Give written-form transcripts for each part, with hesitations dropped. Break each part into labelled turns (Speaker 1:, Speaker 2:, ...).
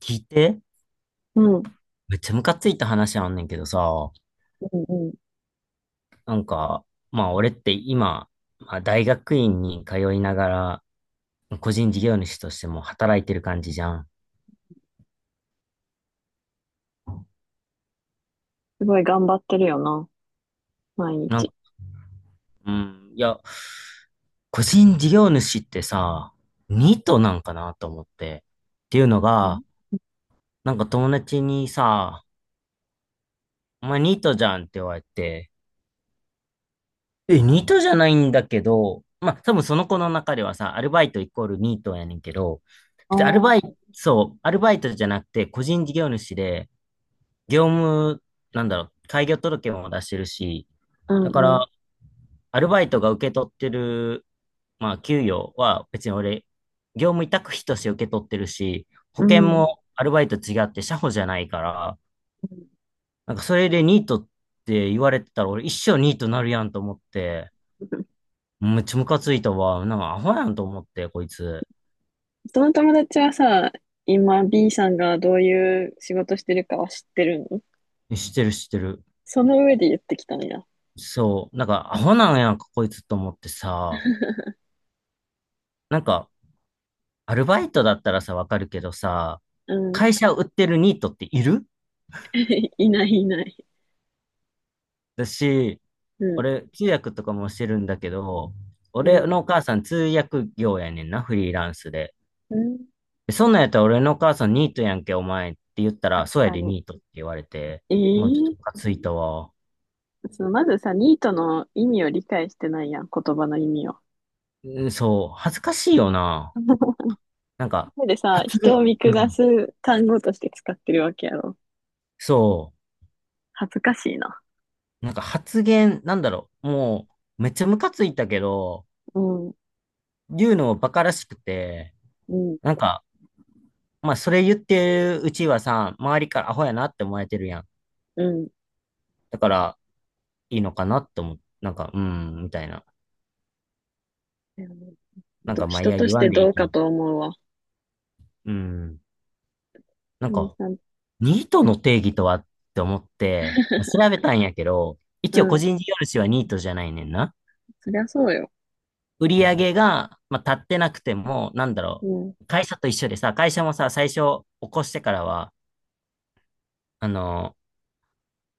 Speaker 1: 聞いて、
Speaker 2: うん。うん
Speaker 1: めっちゃムカついた話あんねんけどさ、
Speaker 2: うんうん。
Speaker 1: なんか、まあ俺って今、まあ、大学院に通いながら、個人事業主としても働いてる感じじゃん。
Speaker 2: すごい頑張ってるよな。毎
Speaker 1: なんか、
Speaker 2: 日。
Speaker 1: うん、いや、個人事業主ってさ、ニートなんかなと思って。っていうの
Speaker 2: あ
Speaker 1: が、なんか友達にさ、お前ニートじゃんって言われて、え、ニートじゃないんだけど、まあ、多分その子の中ではさ、アルバイトイコールニートやねんけど、
Speaker 2: あ、
Speaker 1: 別にアル
Speaker 2: ー
Speaker 1: バイト、そう、アルバイトじゃなくて、個人事業主で、業務、なんだろう、開業届も出してるし、
Speaker 2: う
Speaker 1: だか
Speaker 2: んうん。
Speaker 1: ら、アルバイトが受け取ってる、まあ、給与は別に俺、業務委託費として受け取ってるし、保
Speaker 2: う
Speaker 1: 険
Speaker 2: ん。
Speaker 1: もアルバイト違って社保じゃないから、
Speaker 2: うん。
Speaker 1: なんかそれでニートって言われてたら、俺一生ニートなるやんと思って、めっちゃムカついたわ。なんかアホやんと思って、こいつ。
Speaker 2: その友達はさ、今 B さんがどういう仕事してるかは知ってるの？
Speaker 1: 知ってる知ってる。
Speaker 2: その上で言ってきたんや。
Speaker 1: そう。なんかアホなんやんか、こいつと思ってさ。なんか、アルバイトだったらさ、わかるけどさ、
Speaker 2: うん。
Speaker 1: 会社を売ってるニートっている
Speaker 2: いないいない。
Speaker 1: だし、
Speaker 2: うん。
Speaker 1: 俺、通訳とかもしてるんだけど、
Speaker 2: う
Speaker 1: 俺
Speaker 2: ん。
Speaker 1: のお母さん通訳業やねんな、フリーランスで。
Speaker 2: うん。
Speaker 1: でそんなんやったら俺のお母さんニートやんけ、お前って言ったら、
Speaker 2: 確
Speaker 1: そうや
Speaker 2: か
Speaker 1: で
Speaker 2: に。
Speaker 1: ニートって言われて、もうちょっと
Speaker 2: え
Speaker 1: ム
Speaker 2: え、
Speaker 1: カついたわ。
Speaker 2: そのまずさ、ニートの意味を理解してないやん、言葉の意味を。
Speaker 1: うん、そう、恥ずかしいよな。なんか、
Speaker 2: でさ、
Speaker 1: 発
Speaker 2: 人を
Speaker 1: 言、
Speaker 2: 見
Speaker 1: う
Speaker 2: 下
Speaker 1: ん。
Speaker 2: す単語として使ってるわけやろ。
Speaker 1: そ
Speaker 2: 恥ずかしいな。
Speaker 1: う、なんか発言、なんだろう、もう、めっちゃムカついたけど、
Speaker 2: うん、
Speaker 1: 言うのもバカらしくて、
Speaker 2: うん、
Speaker 1: なんか、まあ、それ言ってるうちはさ、周りからアホやなって思われてるやん。
Speaker 2: うん。
Speaker 1: だから、いいのかなって思う。なんか、うん、みたいな。
Speaker 2: うん。
Speaker 1: なん
Speaker 2: ど
Speaker 1: か、まあ、い
Speaker 2: 人
Speaker 1: や、
Speaker 2: と
Speaker 1: 言
Speaker 2: し
Speaker 1: わ
Speaker 2: て
Speaker 1: んでい
Speaker 2: ど
Speaker 1: い
Speaker 2: う
Speaker 1: と
Speaker 2: か
Speaker 1: 思
Speaker 2: と思うわ。
Speaker 1: う。うん。な
Speaker 2: う
Speaker 1: ん
Speaker 2: ん
Speaker 1: か、
Speaker 2: さ、
Speaker 1: ニートの定義とはって思って、調べたんやけど、
Speaker 2: う
Speaker 1: 一応個
Speaker 2: ん、
Speaker 1: 人事業主はニートじゃないねんな。
Speaker 2: そりゃそうよ。
Speaker 1: 売り上げが、まあ、立ってなくても、なんだ
Speaker 2: う
Speaker 1: ろ
Speaker 2: ん、
Speaker 1: う、会社と一緒でさ、会社もさ、最初起こしてからは、あのー、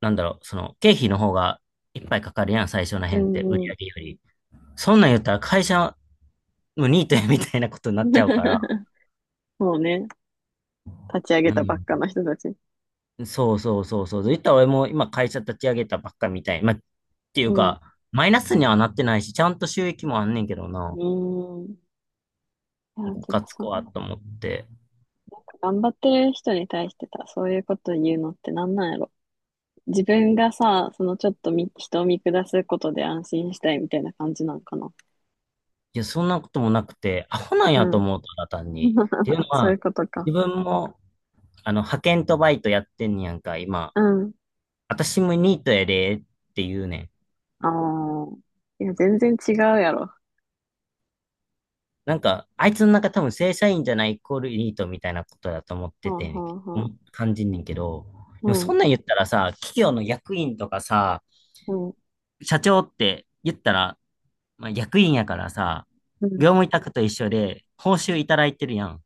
Speaker 1: なんだろう、その、経費の方がいっぱいかかるやん、最初の
Speaker 2: う
Speaker 1: 辺って、売
Speaker 2: ん、
Speaker 1: り
Speaker 2: うん。
Speaker 1: 上げより。そんなん言ったら会社のニートやみたいなことになっちゃうから、
Speaker 2: そうね。立ち上げたばっ
Speaker 1: う
Speaker 2: かの人たち。
Speaker 1: ん、そうそうそうそう。言ったら俺も今会社立ち上げたばっかみたい。まあ、っていう
Speaker 2: うん、
Speaker 1: か、マイナスにはなってないし、ちゃんと収益もあんねんけどな、
Speaker 2: うん。いや、
Speaker 1: ム
Speaker 2: て
Speaker 1: カ
Speaker 2: か
Speaker 1: つ
Speaker 2: さ、
Speaker 1: くわと思って。
Speaker 2: 頑張ってる人に対してさ、そういうこと言うのってなんなんやろ。自分がさ、そのちょっとみ人を見下すことで安心したいみたいな感じなんかな。
Speaker 1: いや、そんなこともなくて、アホなん
Speaker 2: う
Speaker 1: やと
Speaker 2: ん。
Speaker 1: 思う、ただ単に。っていうの
Speaker 2: そういう
Speaker 1: は、
Speaker 2: ことか。
Speaker 1: 自分も、派遣とバイトやってんねやんか、今。
Speaker 2: うん。
Speaker 1: 私もニートやで、って言うねん。
Speaker 2: ああ。いや、全然違うやろ。
Speaker 1: なんか、あいつの中多分正社員じゃないイコールニートみたいなことだと思っ
Speaker 2: は
Speaker 1: て
Speaker 2: あ、は
Speaker 1: て、
Speaker 2: あ、
Speaker 1: う
Speaker 2: は
Speaker 1: ん、
Speaker 2: あ。
Speaker 1: 感じんねんけど、
Speaker 2: う
Speaker 1: でもそ
Speaker 2: ん、
Speaker 1: んなん言ったらさ、企業の役員とかさ、
Speaker 2: うん、
Speaker 1: 社長って言ったら、まあ、役員やからさ、
Speaker 2: うん、
Speaker 1: 業務委託と一緒で報酬いただいてるやん。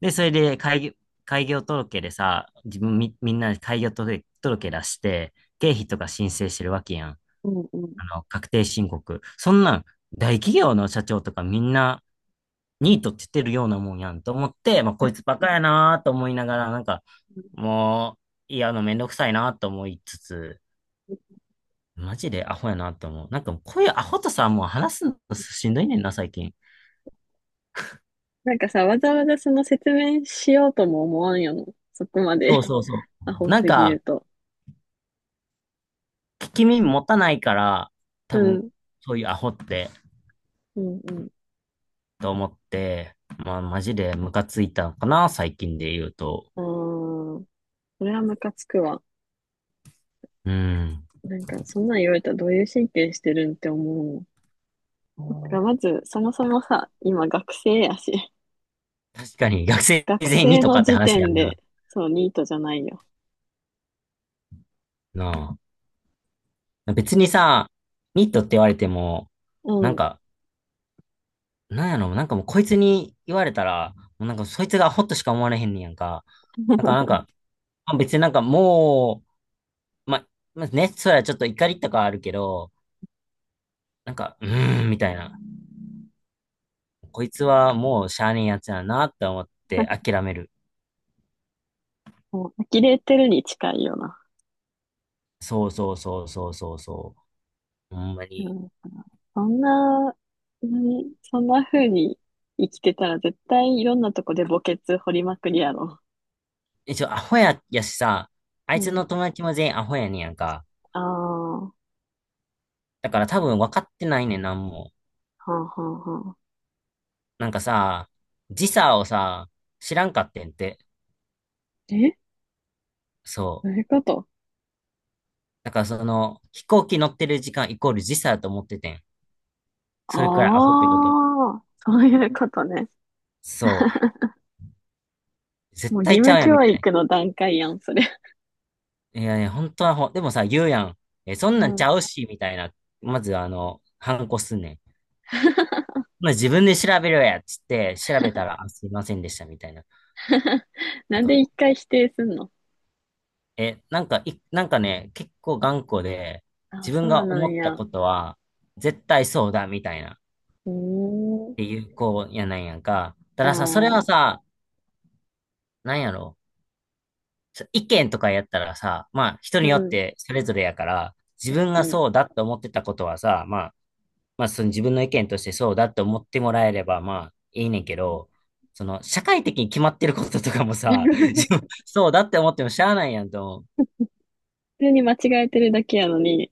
Speaker 1: で、それで開業届でさ、自分み、みんなで開業届、届出して、経費とか申請してるわけやん。
Speaker 2: うん、うん。
Speaker 1: 確定申告。そんなん、大企業の社長とかみんな、ニートって言ってるようなもんやんと思って、まあ、こいつバ
Speaker 2: う
Speaker 1: カ
Speaker 2: ん。
Speaker 1: やなーと思いながら、なんか、もう、いや、めんどくさいなーと思いつつ、マジでアホやなと思う。なんか、こういうアホとさ、もう話すのしんどいねんな、最近。
Speaker 2: なんかさ、わざわざその説明しようとも思わんよな。そこま
Speaker 1: そ
Speaker 2: で。
Speaker 1: うそうそ
Speaker 2: ア
Speaker 1: う。
Speaker 2: ホ
Speaker 1: なん
Speaker 2: すぎる
Speaker 1: か、
Speaker 2: と。
Speaker 1: 聞き耳持たないから、
Speaker 2: う
Speaker 1: 多分、
Speaker 2: ん、
Speaker 1: そういうアホって、
Speaker 2: うん、うん。
Speaker 1: と思って、まあ、マジでムカついたのかな、最近で言うと。
Speaker 2: ああ、それはムカつくわ。
Speaker 1: うん。
Speaker 2: なんか、そんなん言われたらどういう神経してるんって思うもん。だからまず、そもそもさ、今学生やし、
Speaker 1: 確かに、学生
Speaker 2: 学
Speaker 1: 全員に
Speaker 2: 生
Speaker 1: とか
Speaker 2: の
Speaker 1: って
Speaker 2: 時
Speaker 1: 話や
Speaker 2: 点
Speaker 1: んな。
Speaker 2: で、そう、ニートじゃないよ。
Speaker 1: なあ。別にさ、ニットって言われても、
Speaker 2: う
Speaker 1: なん
Speaker 2: ん。
Speaker 1: か、なんやろ、なんかもうこいつに言われたら、もうなんかそいつがアホっとしか思われへんねんやんか。なんか、なん か、まあ別になんかもう、まあ、まあね、そりゃちょっと怒りとかあるけど、なんか、うーん、みたいな。こいつはもうしゃあねえやつやなって思って諦める。
Speaker 2: もう、呆れてるに近いよな。
Speaker 1: そうそうそうそうそうそう。ほんま
Speaker 2: う
Speaker 1: に。
Speaker 2: ん。そんな、何そんな風に生きてたら絶対いろんなとこで墓穴掘りまくりやろ。
Speaker 1: 一応アホや、やしさ、あ
Speaker 2: う
Speaker 1: いつの
Speaker 2: ん。
Speaker 1: 友達も全員アホやねんやんか。
Speaker 2: ああ、は
Speaker 1: だから多分分かってないねん、なんも。
Speaker 2: あ、はあ、はあ。
Speaker 1: なんかさ、時差をさ、知らんかってんって。
Speaker 2: え、
Speaker 1: そ
Speaker 2: どう
Speaker 1: う。
Speaker 2: いうこと？
Speaker 1: だからその、飛行機乗ってる時間イコール時差だと思っててん。それくらいアホってこと。
Speaker 2: あ、あーそういうことね。
Speaker 1: そう。絶
Speaker 2: もう義
Speaker 1: 対ち
Speaker 2: 務
Speaker 1: ゃうやんみ
Speaker 2: 教
Speaker 1: たいな。
Speaker 2: 育の段階やん、それ。
Speaker 1: いやね、本当はでもさ、言うやん。え、そん
Speaker 2: う
Speaker 1: なんち
Speaker 2: ん。
Speaker 1: ゃうし、みたいな。まず、反抗すんねん。まあ、自分で調べろや、つって、調べたら、あ、すいませんでした、みたいな。な
Speaker 2: な
Speaker 1: ん
Speaker 2: んで
Speaker 1: か
Speaker 2: 一回否定すんの？
Speaker 1: なんか、なんかね、結構頑固で、
Speaker 2: あ
Speaker 1: 自
Speaker 2: あ、そ
Speaker 1: 分
Speaker 2: う
Speaker 1: が
Speaker 2: な
Speaker 1: 思
Speaker 2: ん
Speaker 1: った
Speaker 2: や。
Speaker 1: ことは、絶対そうだ、みたいな、っ
Speaker 2: うーん。
Speaker 1: ていう子やなんやんか。た
Speaker 2: あ
Speaker 1: ださ、それは
Speaker 2: あ、
Speaker 1: さ、なんやろ、意見とかやったらさ、まあ、人
Speaker 2: う
Speaker 1: によっ
Speaker 2: ん、
Speaker 1: てそれぞれやから、自分が
Speaker 2: うん。
Speaker 1: そうだって思ってたことはさ、まあ、まあ、その自分の意見としてそうだって思ってもらえれば、まあ、いいねんけど、その、社会的に決まってることとかも
Speaker 2: 普
Speaker 1: さ、自分、そうだって思ってもしゃあないやんと思う。
Speaker 2: 通に間違えてるだけやのに、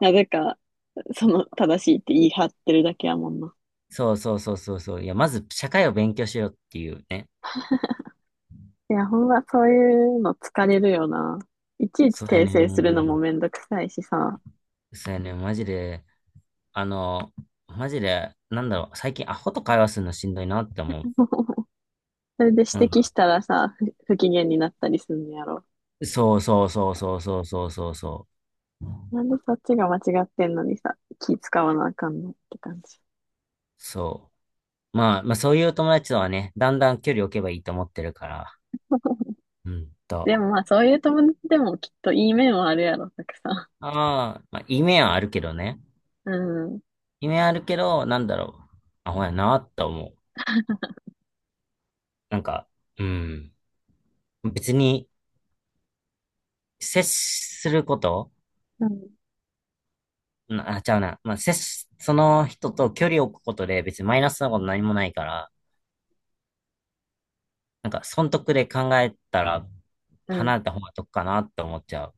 Speaker 2: なぜかその正しいって言い張ってるだけやもんな。
Speaker 1: そうそうそうそうそう。いや、まず社会を勉強しようっていうね。
Speaker 2: いや、ほんまそういうの疲れるよな。いちいち
Speaker 1: そうや
Speaker 2: 訂
Speaker 1: ねん。
Speaker 2: 正するの
Speaker 1: も
Speaker 2: もめんどくさいしさ。
Speaker 1: うそうやねん。マジで、あの、マジで、なんだろう、最近アホと会話するのしんどいなって思う。
Speaker 2: それで指
Speaker 1: なん
Speaker 2: 摘し
Speaker 1: か、
Speaker 2: たらさ、不機嫌になったりすんのやろ。
Speaker 1: そうそうそうそうそうそうそうそう。
Speaker 2: なんでそっちが間違ってんのにさ、気使わなあかんのって感じ。
Speaker 1: そう。まあ、まあそういう友達とはね、だんだん距離を置けばいいと思ってるから。うんと。
Speaker 2: でもまあそういう友達でもきっといい面はあるやろ、たくさ
Speaker 1: ああ、まあ、夢はあるけどね。
Speaker 2: ん。うん。
Speaker 1: 夢はあるけど、なんだろう。あ、ほやなって思う。なんか、うん。別に、接すること、
Speaker 2: うん。
Speaker 1: なあ、ちゃうな。まあ、その人と距離を置くことで別にマイナスなこと何もないから、なんか、損得で考えたら、
Speaker 2: う
Speaker 1: 離
Speaker 2: ん。
Speaker 1: れた方が得かなって思っちゃう。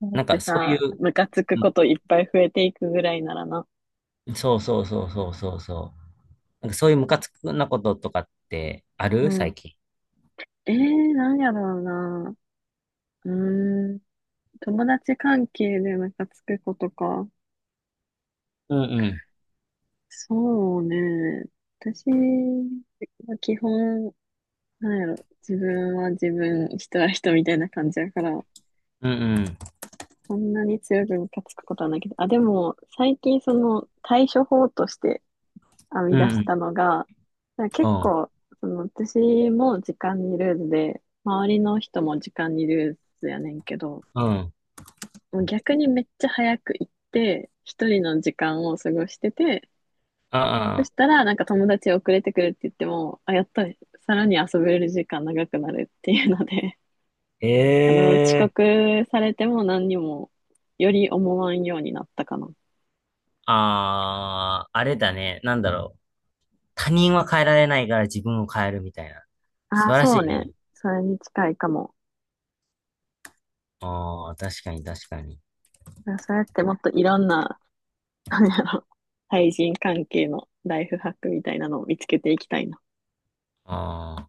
Speaker 2: だっ
Speaker 1: なんか、
Speaker 2: て
Speaker 1: そうい
Speaker 2: さ、
Speaker 1: う、
Speaker 2: ムカつく
Speaker 1: う
Speaker 2: こと
Speaker 1: ん、
Speaker 2: いっぱい増えていくぐらいならな。
Speaker 1: そうそうそうそうそうそう。なんか、そういうムカつくなこととかってあ
Speaker 2: う
Speaker 1: る最
Speaker 2: ん。
Speaker 1: 近。
Speaker 2: ええー、なんやろうな。うーん。友達関係でムカつくことか。
Speaker 1: うんうん。
Speaker 2: そうね。私は基本、なんやろ、自分は自分、人は人みたいな感じやから、
Speaker 1: うんうん。
Speaker 2: そんなに強くムカつくことはないけど、あ、でも、最近その対処法として編
Speaker 1: う
Speaker 2: み
Speaker 1: ん
Speaker 2: 出
Speaker 1: う
Speaker 2: し
Speaker 1: ん。
Speaker 2: たのが、なんか
Speaker 1: う
Speaker 2: 結
Speaker 1: ん。
Speaker 2: 構、その私も時間にルーズで、周りの人も時間にルーズやねんけど、
Speaker 1: うん、
Speaker 2: もう逆にめっちゃ早く行って、一人の時間を過ごしてて、
Speaker 1: あ
Speaker 2: そ
Speaker 1: あ、
Speaker 2: したら、なんか友達遅れてくるって言っても、あ、やっとさらに遊べる時間長くなるっていうので、あの、
Speaker 1: え
Speaker 2: 遅
Speaker 1: え、
Speaker 2: 刻されても何にもより思わんようになったかな。
Speaker 1: ああ、あれだね。なんだろう。他人は変えられないから自分を変えるみたいな。素
Speaker 2: ああ、
Speaker 1: 晴らし
Speaker 2: そう
Speaker 1: い
Speaker 2: ね。
Speaker 1: ね。
Speaker 2: それに近いかも。
Speaker 1: ああ、確かに確かに。
Speaker 2: だからそうやってもっといろんな、なんやろ、対人関係のライフハックみたいなのを見つけていきたいな。
Speaker 1: あ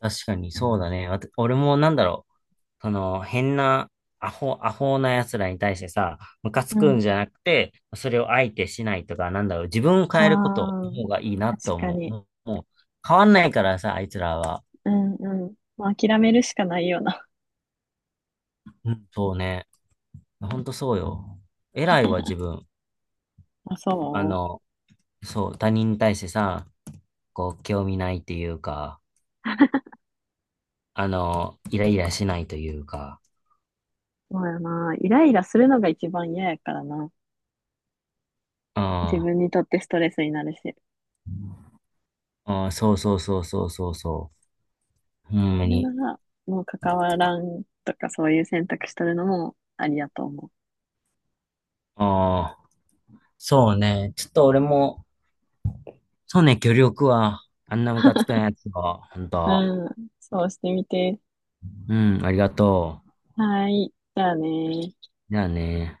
Speaker 1: あ、確かにそうだね。俺もなんだろう。その、変な、アホ、アホな奴らに対してさ、ムカつ
Speaker 2: う
Speaker 1: くん
Speaker 2: ん。
Speaker 1: じゃなくて、それを相手しないとか、なんだろう。自分を
Speaker 2: あ
Speaker 1: 変えること
Speaker 2: あ、
Speaker 1: の方がいいなと
Speaker 2: 確か
Speaker 1: 思う。
Speaker 2: に。
Speaker 1: もう、もう変わんないからさ、あいつらは。
Speaker 2: うん、うん。まあ、諦めるしかないよな。
Speaker 1: うん、そうね。ほんとそうよ。偉いわ、自分。
Speaker 2: あ、
Speaker 1: あ
Speaker 2: そ
Speaker 1: の、そう、他人に対してさ、こう、興味ないっていうか、イライラしないというか、
Speaker 2: うそうやな。イライラするのが一番嫌やからな。
Speaker 1: う
Speaker 2: 自
Speaker 1: ん、
Speaker 2: 分にとってストレスになるし、
Speaker 1: うん、そうそうそうそうそうそう、ほん
Speaker 2: そ
Speaker 1: ま
Speaker 2: れ
Speaker 1: に。
Speaker 2: なら、もう関わらんとかそういう選択しとるのもありやと思う。
Speaker 1: ああ、そうね、ちょっと俺も、そうね、協力は、あんなムカつくな やつは、ほんと。
Speaker 2: うん、そうしてみて。
Speaker 1: うん、ありがとう。
Speaker 2: はい、じゃあね。
Speaker 1: じゃあね。